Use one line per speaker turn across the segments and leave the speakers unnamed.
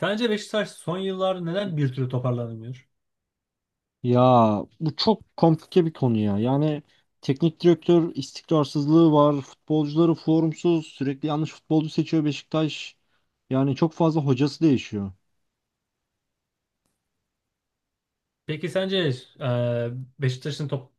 Sence Beşiktaş son yıllarda neden bir türlü toparlanamıyor?
Ya bu çok komplike bir konu ya. Yani teknik direktör istikrarsızlığı var. Futbolcuları formsuz. Sürekli yanlış futbolcu seçiyor Beşiktaş. Yani çok fazla hocası değişiyor.
Peki sence e, Beşiktaş'ın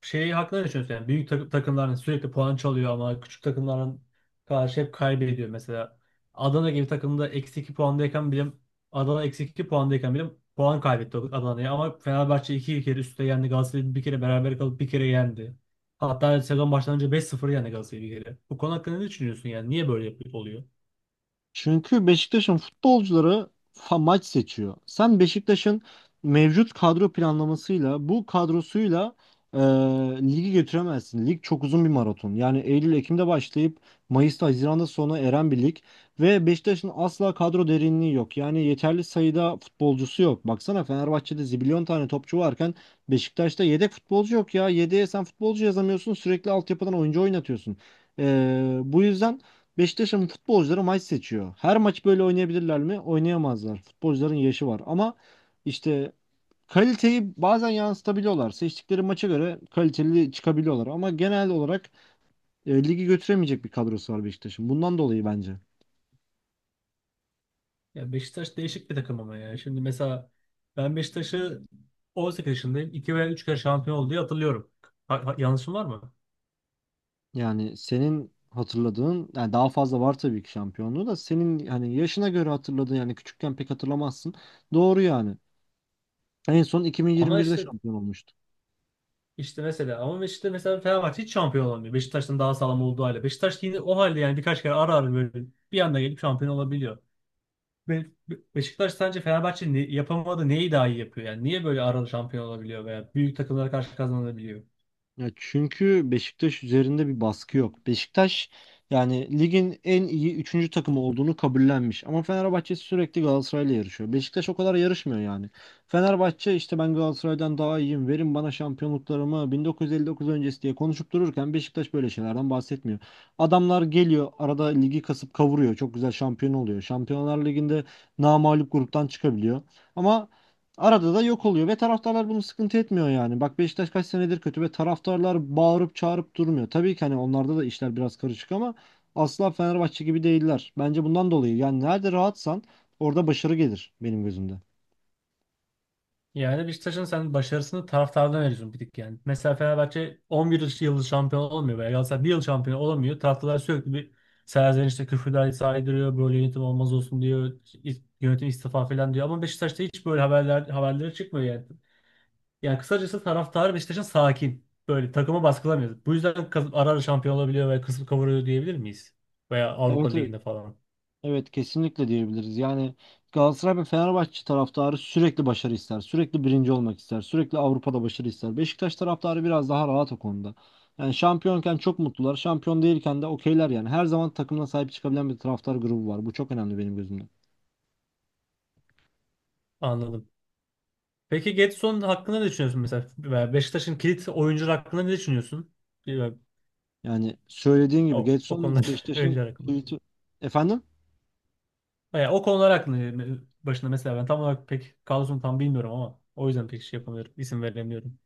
şeyi hakkında ne düşünüyorsun? Yani büyük takımların sürekli puan çalıyor ama küçük takımların karşı hep kaybediyor. Mesela Adana gibi takımda eksi 2 puandayken bile, Adana eksi 2 puandayken bile puan kaybetti Adana'ya, ama Fenerbahçe iki kere üstte yendi. Galatasaray'ı bir kere beraber kalıp bir kere yendi. Hatta sezon başlanınca 5-0 yendi Galatasaray'ı bir kere. Bu konu hakkında ne düşünüyorsun yani? Niye böyle oluyor?
Çünkü Beşiktaş'ın futbolcuları maç seçiyor. Sen Beşiktaş'ın mevcut kadro planlamasıyla, bu kadrosuyla e, ligi götüremezsin. Lig çok uzun bir maraton. Yani Eylül-Ekim'de başlayıp Mayıs'ta, Haziran'da sona eren bir lig. Ve Beşiktaş'ın asla kadro derinliği yok. Yani yeterli sayıda futbolcusu yok. Baksana Fenerbahçe'de zibilyon tane topçu varken Beşiktaş'ta yedek futbolcu yok ya. Yedeğe sen futbolcu yazamıyorsun. Sürekli altyapıdan oyuncu oynatıyorsun. E, bu yüzden... Beşiktaş'ın futbolcuları maç seçiyor. Her maç böyle oynayabilirler mi? Oynayamazlar. Futbolcuların yaşı var. Ama işte kaliteyi bazen yansıtabiliyorlar. Seçtikleri maça göre kaliteli çıkabiliyorlar. Ama genel olarak ligi götüremeyecek bir kadrosu var Beşiktaş'ın. Bundan dolayı bence.
Ya Beşiktaş değişik bir takım ama ya. Şimdi mesela ben Beşiktaş'ı 18 yaşındayım. İki veya 3 kere şampiyon oldu diye hatırlıyorum. Yanlışım var mı?
Yani senin hatırladığın, yani daha fazla var tabii ki şampiyonluğu da senin hani yaşına göre hatırladığın, yani küçükken pek hatırlamazsın. Doğru yani. En son
Ama
2021'de
işte
şampiyon olmuştu.
işte mesela ama işte mesela Fenerbahçe hiç şampiyon olamıyor. Beşiktaş'tan daha sağlam olduğu halde. Beşiktaş yine o halde yani birkaç kere ara ara böyle bir anda gelip şampiyon olabiliyor. Beşiktaş sence Fenerbahçe ne yapamadı, neyi daha iyi yapıyor? Yani niye böyle ara ara şampiyon olabiliyor veya büyük takımlara karşı kazanabiliyor?
Ya çünkü Beşiktaş üzerinde bir baskı yok. Beşiktaş yani ligin en iyi üçüncü takımı olduğunu kabullenmiş. Ama Fenerbahçe sürekli Galatasaray'la yarışıyor. Beşiktaş o kadar yarışmıyor yani. Fenerbahçe işte ben Galatasaray'dan daha iyiyim, verin bana şampiyonluklarımı 1959 öncesi diye konuşup dururken Beşiktaş böyle şeylerden bahsetmiyor. Adamlar geliyor arada ligi kasıp kavuruyor. Çok güzel şampiyon oluyor. Şampiyonlar Ligi'nde namağlup gruptan çıkabiliyor. Ama arada da yok oluyor ve taraftarlar bunu sıkıntı etmiyor yani. Bak Beşiktaş kaç senedir kötü ve taraftarlar bağırıp çağırıp durmuyor. Tabii ki hani onlarda da işler biraz karışık ama asla Fenerbahçe gibi değiller. Bence bundan dolayı yani nerede rahatsan orada başarı gelir benim gözümde.
Yani Beşiktaş'ın sen başarısını taraftardan veriyorsun bir tık yani. Mesela Fenerbahçe 11 yıl şampiyon olamıyor veya Galatasaray bir yıl şampiyon olamıyor. Taraftarlar sürekli bir serzenişte küfürler saydırıyor. Böyle yönetim olmaz olsun diyor. Yönetim istifa falan diyor. Ama Beşiktaş'ta hiç böyle haberleri çıkmıyor yani. Yani kısacası taraftarı Beşiktaş'ın sakin. Böyle takımı baskılamıyor. Bu yüzden ara ara şampiyon olabiliyor veya kısıp kavuruyor diyebilir miyiz? Veya Avrupa
Evet, evet.
Ligi'nde falan.
Evet, kesinlikle diyebiliriz. Yani Galatasaray ve Fenerbahçe taraftarı sürekli başarı ister. Sürekli birinci olmak ister. Sürekli Avrupa'da başarı ister. Beşiktaş taraftarı biraz daha rahat o konuda. Yani şampiyonken çok mutlular. Şampiyon değilken de okeyler yani. Her zaman takımına sahip çıkabilen bir taraftar grubu var. Bu çok önemli benim gözümde.
Anladım. Peki Gedson hakkında ne düşünüyorsun mesela? Veya Beşiktaş'ın kilit oyuncular hakkında ne düşünüyorsun?
Yani söylediğin
O,
gibi
o
Gedson
konular
Beşiktaş'ın
öğrenciler hakkında.
tweet'i... Efendim?
Yani o konular hakkında yani başında mesela ben tam olarak pek kadrosunu tam bilmiyorum ama o yüzden pek şey yapamıyorum. İsim veremiyorum.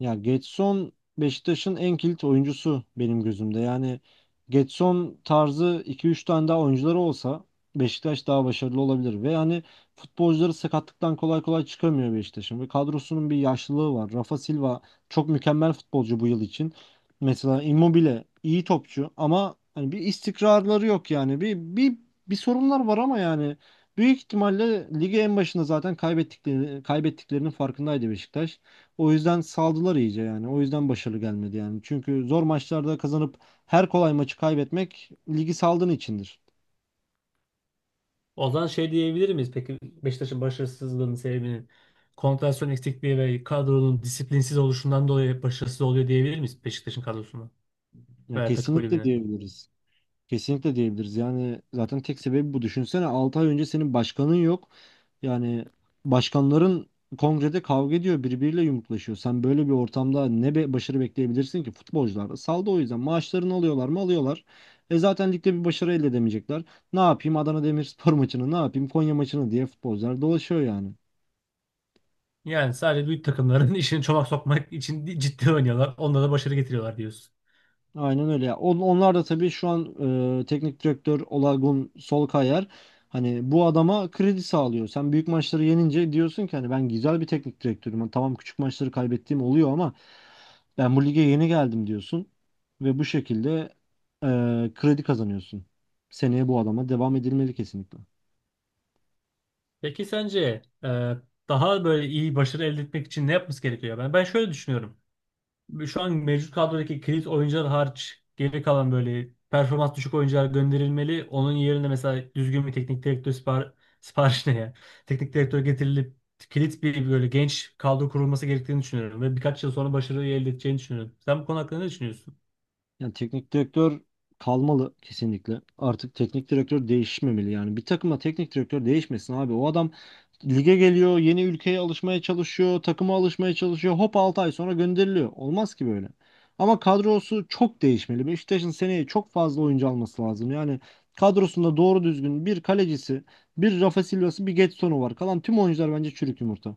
Ya Getson Beşiktaş'ın en kilit oyuncusu benim gözümde. Yani Getson tarzı 2 3 tane daha oyuncuları olsa Beşiktaş daha başarılı olabilir. Ve yani futbolcuları sakatlıktan kolay kolay çıkamıyor Beşiktaş'ın. Ve kadrosunun bir yaşlılığı var. Rafa Silva çok mükemmel futbolcu bu yıl için. Mesela Immobile iyi topçu ama hani bir istikrarları yok yani. Bir sorunlar var ama yani büyük ihtimalle ligi en başında zaten kaybettiklerinin farkındaydı Beşiktaş. O yüzden saldılar iyice yani. O yüzden başarılı gelmedi yani. Çünkü zor maçlarda kazanıp her kolay maçı kaybetmek ligi saldığın içindir.
O zaman şey diyebilir miyiz? Peki Beşiktaş'ın başarısızlığının sebebinin konsantrasyon eksikliği ve kadronun disiplinsiz oluşundan dolayı başarısız oluyor diyebilir miyiz Beşiktaş'ın kadrosuna
Ya
veya takım
kesinlikle
kulübüne?
diyebiliriz. Kesinlikle diyebiliriz. Yani zaten tek sebebi bu. Düşünsene 6 ay önce senin başkanın yok. Yani başkanların kongrede kavga ediyor, birbiriyle yumruklaşıyor. Sen böyle bir ortamda ne be başarı bekleyebilirsin ki? Futbolcular da saldı o yüzden. Maaşlarını alıyorlar mı? Alıyorlar. E zaten ligde bir başarı elde edemeyecekler. Ne yapayım Adana Demirspor maçını, ne yapayım Konya maçını diye futbolcular dolaşıyor yani.
Yani sadece büyük takımların işini çomak sokmak için ciddi oynuyorlar. Onlara da başarı getiriyorlar diyorsun.
Aynen öyle ya. Onlar da tabii şu an teknik direktör Olagun Solkayar hani bu adama kredi sağlıyor. Sen büyük maçları yenince diyorsun ki hani ben güzel bir teknik direktörüm. Hani tamam, küçük maçları kaybettiğim oluyor ama ben bu lige yeni geldim diyorsun ve bu şekilde kredi kazanıyorsun. Seneye bu adama devam edilmeli kesinlikle.
Peki sence daha böyle iyi başarı elde etmek için ne yapması gerekiyor? Ben şöyle düşünüyorum. Şu an mevcut kadrodaki kilit oyuncular hariç geri kalan böyle performans düşük oyuncular gönderilmeli. Onun yerine mesela düzgün bir teknik direktör sipariş ne ya? Teknik direktör getirilip kilit bir böyle genç kadro kurulması gerektiğini düşünüyorum ve birkaç yıl sonra başarıyı elde edeceğini düşünüyorum. Sen bu konu hakkında ne düşünüyorsun?
Yani teknik direktör kalmalı kesinlikle. Artık teknik direktör değişmemeli yani. Bir takıma teknik direktör değişmesin abi. O adam lige geliyor, yeni ülkeye alışmaya çalışıyor, takıma alışmaya çalışıyor. Hop 6 ay sonra gönderiliyor. Olmaz ki böyle. Ama kadrosu çok değişmeli. Beşiktaş'ın seneye çok fazla oyuncu alması lazım. Yani kadrosunda doğru düzgün bir kalecisi, bir Rafa Silva'sı, bir Getson'u var. Kalan tüm oyuncular bence çürük yumurta.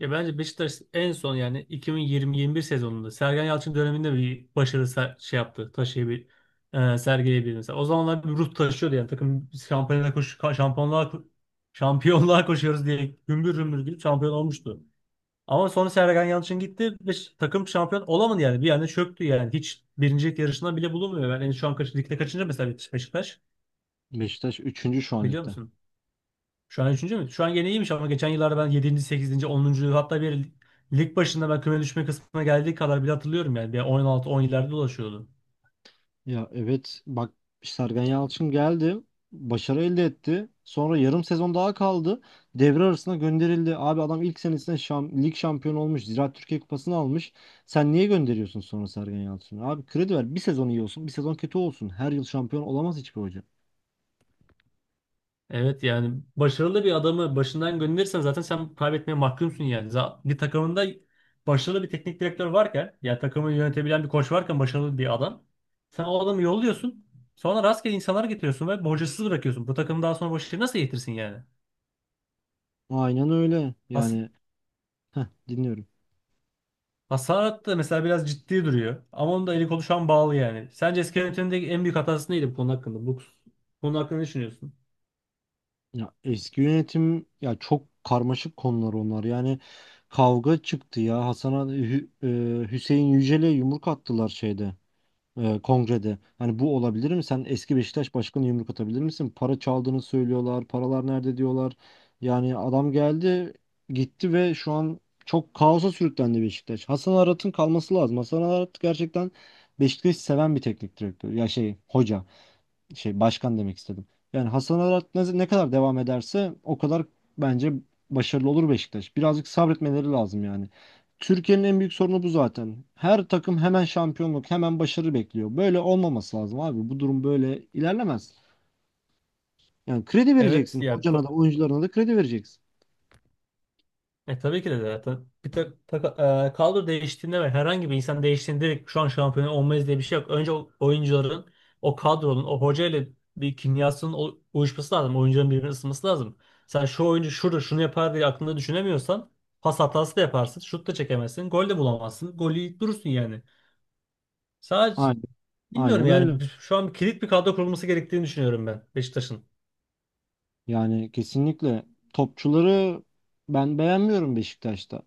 Ya bence Beşiktaş en son yani 2020-21 sezonunda Sergen Yalçın döneminde bir başarı şey yaptı. Sergileyebildi mesela. O zamanlar bir ruh taşıyordu yani takım biz şampiyonluğa koşuyoruz diye gümbür gümbür gidip şampiyon olmuştu. Ama sonra Sergen Yalçın gitti ve takım şampiyon olamadı yani. Bir yani çöktü yani. Hiç birincilik yarışına bile bulunmuyor. Yani şu an ligde kaçıncı mesela Beşiktaş?
Beşiktaş üçüncü şu an
Biliyor
ligde.
musun? Şu an üçüncü mü? Şu an gene iyiymiş ama geçen yıllarda ben yedinci, sekizinci, 10., hatta bir lig başında ben küme düşme kısmına geldiği kadar bile hatırlıyorum yani. Bir 16, on 17'lerde dolaşıyordu.
Ya evet, bak, Sergen Yalçın geldi. Başarı elde etti. Sonra yarım sezon daha kaldı. Devre arasına gönderildi. Abi adam ilk senesinde lig şampiyonu olmuş. Ziraat Türkiye Kupası'nı almış. Sen niye gönderiyorsun sonra Sergen Yalçın'ı? Abi kredi ver. Bir sezon iyi olsun, bir sezon kötü olsun. Her yıl şampiyon olamaz hiçbir hoca.
Evet yani başarılı bir adamı başından gönderirsen zaten sen kaybetmeye mahkumsun yani. Bir takımında başarılı bir teknik direktör varken yani takımı yönetebilen bir koç varken başarılı bir adam. Sen o adamı yolluyorsun. Sonra rastgele insanlar getiriyorsun ve borcasız bırakıyorsun. Bu takım daha sonra başarı nasıl getirsin yani?
Aynen öyle.
Asıl
Yani heh, dinliyorum.
Hasat da mesela biraz ciddi duruyor. Ama onun da eli kolu şu an bağlı yani. Sence eski yönetimdeki en büyük hatası neydi bu konu hakkında? Bu konu hakkında ne düşünüyorsun?
Ya eski yönetim ya, çok karmaşık konular onlar. Yani kavga çıktı ya. Hüseyin Yücel'e yumruk attılar şeyde. Kongrede. Hani bu olabilir mi? Sen eski Beşiktaş başkanı yumruk atabilir misin? Para çaldığını söylüyorlar. Paralar nerede diyorlar. Yani adam geldi, gitti ve şu an çok kaosa sürüklendi Beşiktaş. Hasan Arat'ın kalması lazım. Hasan Arat gerçekten Beşiktaş'ı seven bir teknik direktör. Ya şey, hoca, şey, başkan demek istedim. Yani Hasan Arat ne kadar devam ederse o kadar bence başarılı olur Beşiktaş. Birazcık sabretmeleri lazım yani. Türkiye'nin en büyük sorunu bu zaten. Her takım hemen şampiyonluk, hemen başarı bekliyor. Böyle olmaması lazım abi. Bu durum böyle ilerlemez. Yani kredi
Evet
vereceksin.
ya
Hocana da oyuncularına da kredi vereceksin.
tabii ki de zaten bir kadro değiştiğinde ve herhangi bir insan değiştiğinde direkt şu an şampiyon olmayız diye bir şey yok. Önce o oyuncuların o kadronun o hoca ile bir kimyasının uyuşması lazım. Oyuncuların birbirini ısınması lazım. Sen şu oyuncu şurada şunu yapar diye aklında düşünemiyorsan pas hatası da yaparsın. Şut da çekemezsin. Gol de bulamazsın. Golü yiyip durursun yani. Sadece
Aynen.
Bilmiyorum
Aynen öyle.
yani. Şu an kilit bir kadro kurulması gerektiğini düşünüyorum ben Beşiktaş'ın.
Yani kesinlikle topçuları ben beğenmiyorum Beşiktaş'ta.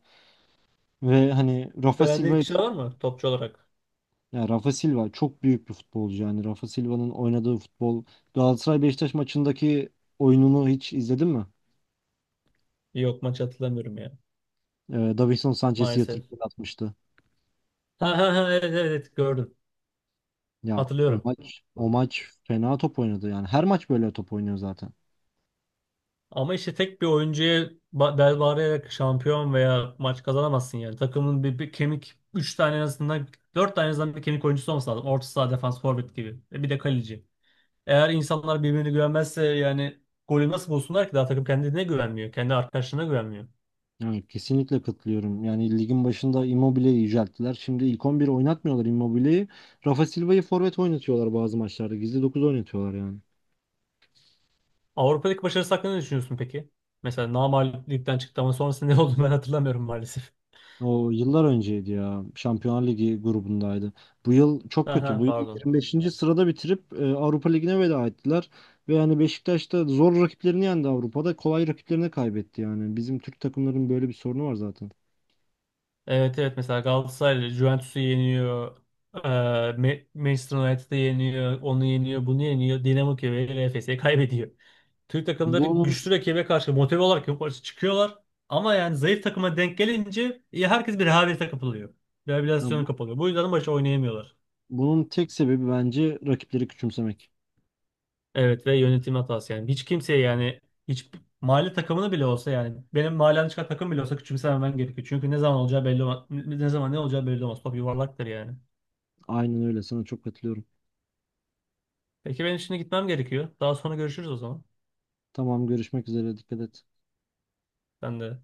Ve hani Rafa
Beğendiğin
Silva'yı...
kişi var mı topçu olarak?
Ya Rafa Silva çok büyük bir futbolcu yani. Rafa Silva'nın oynadığı futbol, Galatasaray Beşiktaş maçındaki oyununu hiç izledin mi?
Yok, maç hatırlamıyorum ya
Davinson Sanchez'i yatırıp
maalesef.
gol atmıştı.
Ha ha ha, evet evet evet, gördüm.
Ya
Hatırlıyorum.
o maç fena top oynadı yani. Her maç böyle top oynuyor zaten.
Ama işte tek bir oyuncuya bel bağlayarak şampiyon veya maç kazanamazsın yani. Takımın bir kemik 3 tane en azından, 4 tane en azından bir kemik oyuncusu olması lazım. Orta saha, defans, forvet gibi. E bir de kaleci. Eğer insanlar birbirine güvenmezse yani golü nasıl bulsunlar ki? Daha takım kendine güvenmiyor. Kendi arkadaşlarına güvenmiyor.
Yani kesinlikle katılıyorum. Yani ligin başında Immobile'yi yücelttiler. Şimdi ilk 11 oynatmıyorlar Immobile'yi. Rafa Silva'yı forvet oynatıyorlar bazı maçlarda. Gizli 9 oynatıyorlar yani.
Avrupa'daki başarısı hakkında ne düşünüyorsun peki? Mesela namağlup ligden çıktı ama sonrasında ne oldu ben hatırlamıyorum maalesef.
O yıllar önceydi ya. Şampiyonlar Ligi grubundaydı. Bu yıl çok kötü.
Aha,
Bu yıl
pardon.
25. sırada bitirip Avrupa Ligi'ne veda ettiler. Ve yani Beşiktaş da zor rakiplerini yendi Avrupa'da. Kolay rakiplerini kaybetti yani. Bizim Türk takımların böyle bir sorunu var zaten.
Evet evet, mesela Galatasaray Juventus'u yeniyor. Manchester United'ı yeniyor. Onu yeniyor. Bunu yeniyor. Dinamo Kiev'e ile Efes'e kaybediyor. Türk takımları
Bunun,
güçlü rakibe karşı motive olarak yukarı çıkıyorlar. Ama yani zayıf takıma denk gelince herkes bir rehavete kapılıyor.
ya
Rehabilitasyona
bu-
kapılıyor. Bu yüzden maçı oynayamıyorlar.
bunun tek sebebi bence rakipleri küçümsemek.
Evet ve yönetim hatası yani. Hiç kimseye yani hiç mahalle takımını bile olsa yani benim mahallemden çıkan takım bile olsa küçümsememen gerekiyor. Çünkü ne zaman olacağı belli olmaz. Ne zaman ne olacağı belli olmaz. Top yuvarlaktır yani.
Aynen öyle. Sana çok katılıyorum.
Peki ben şimdi gitmem gerekiyor. Daha sonra görüşürüz o zaman.
Tamam, görüşmek üzere. Dikkat et.
Ben de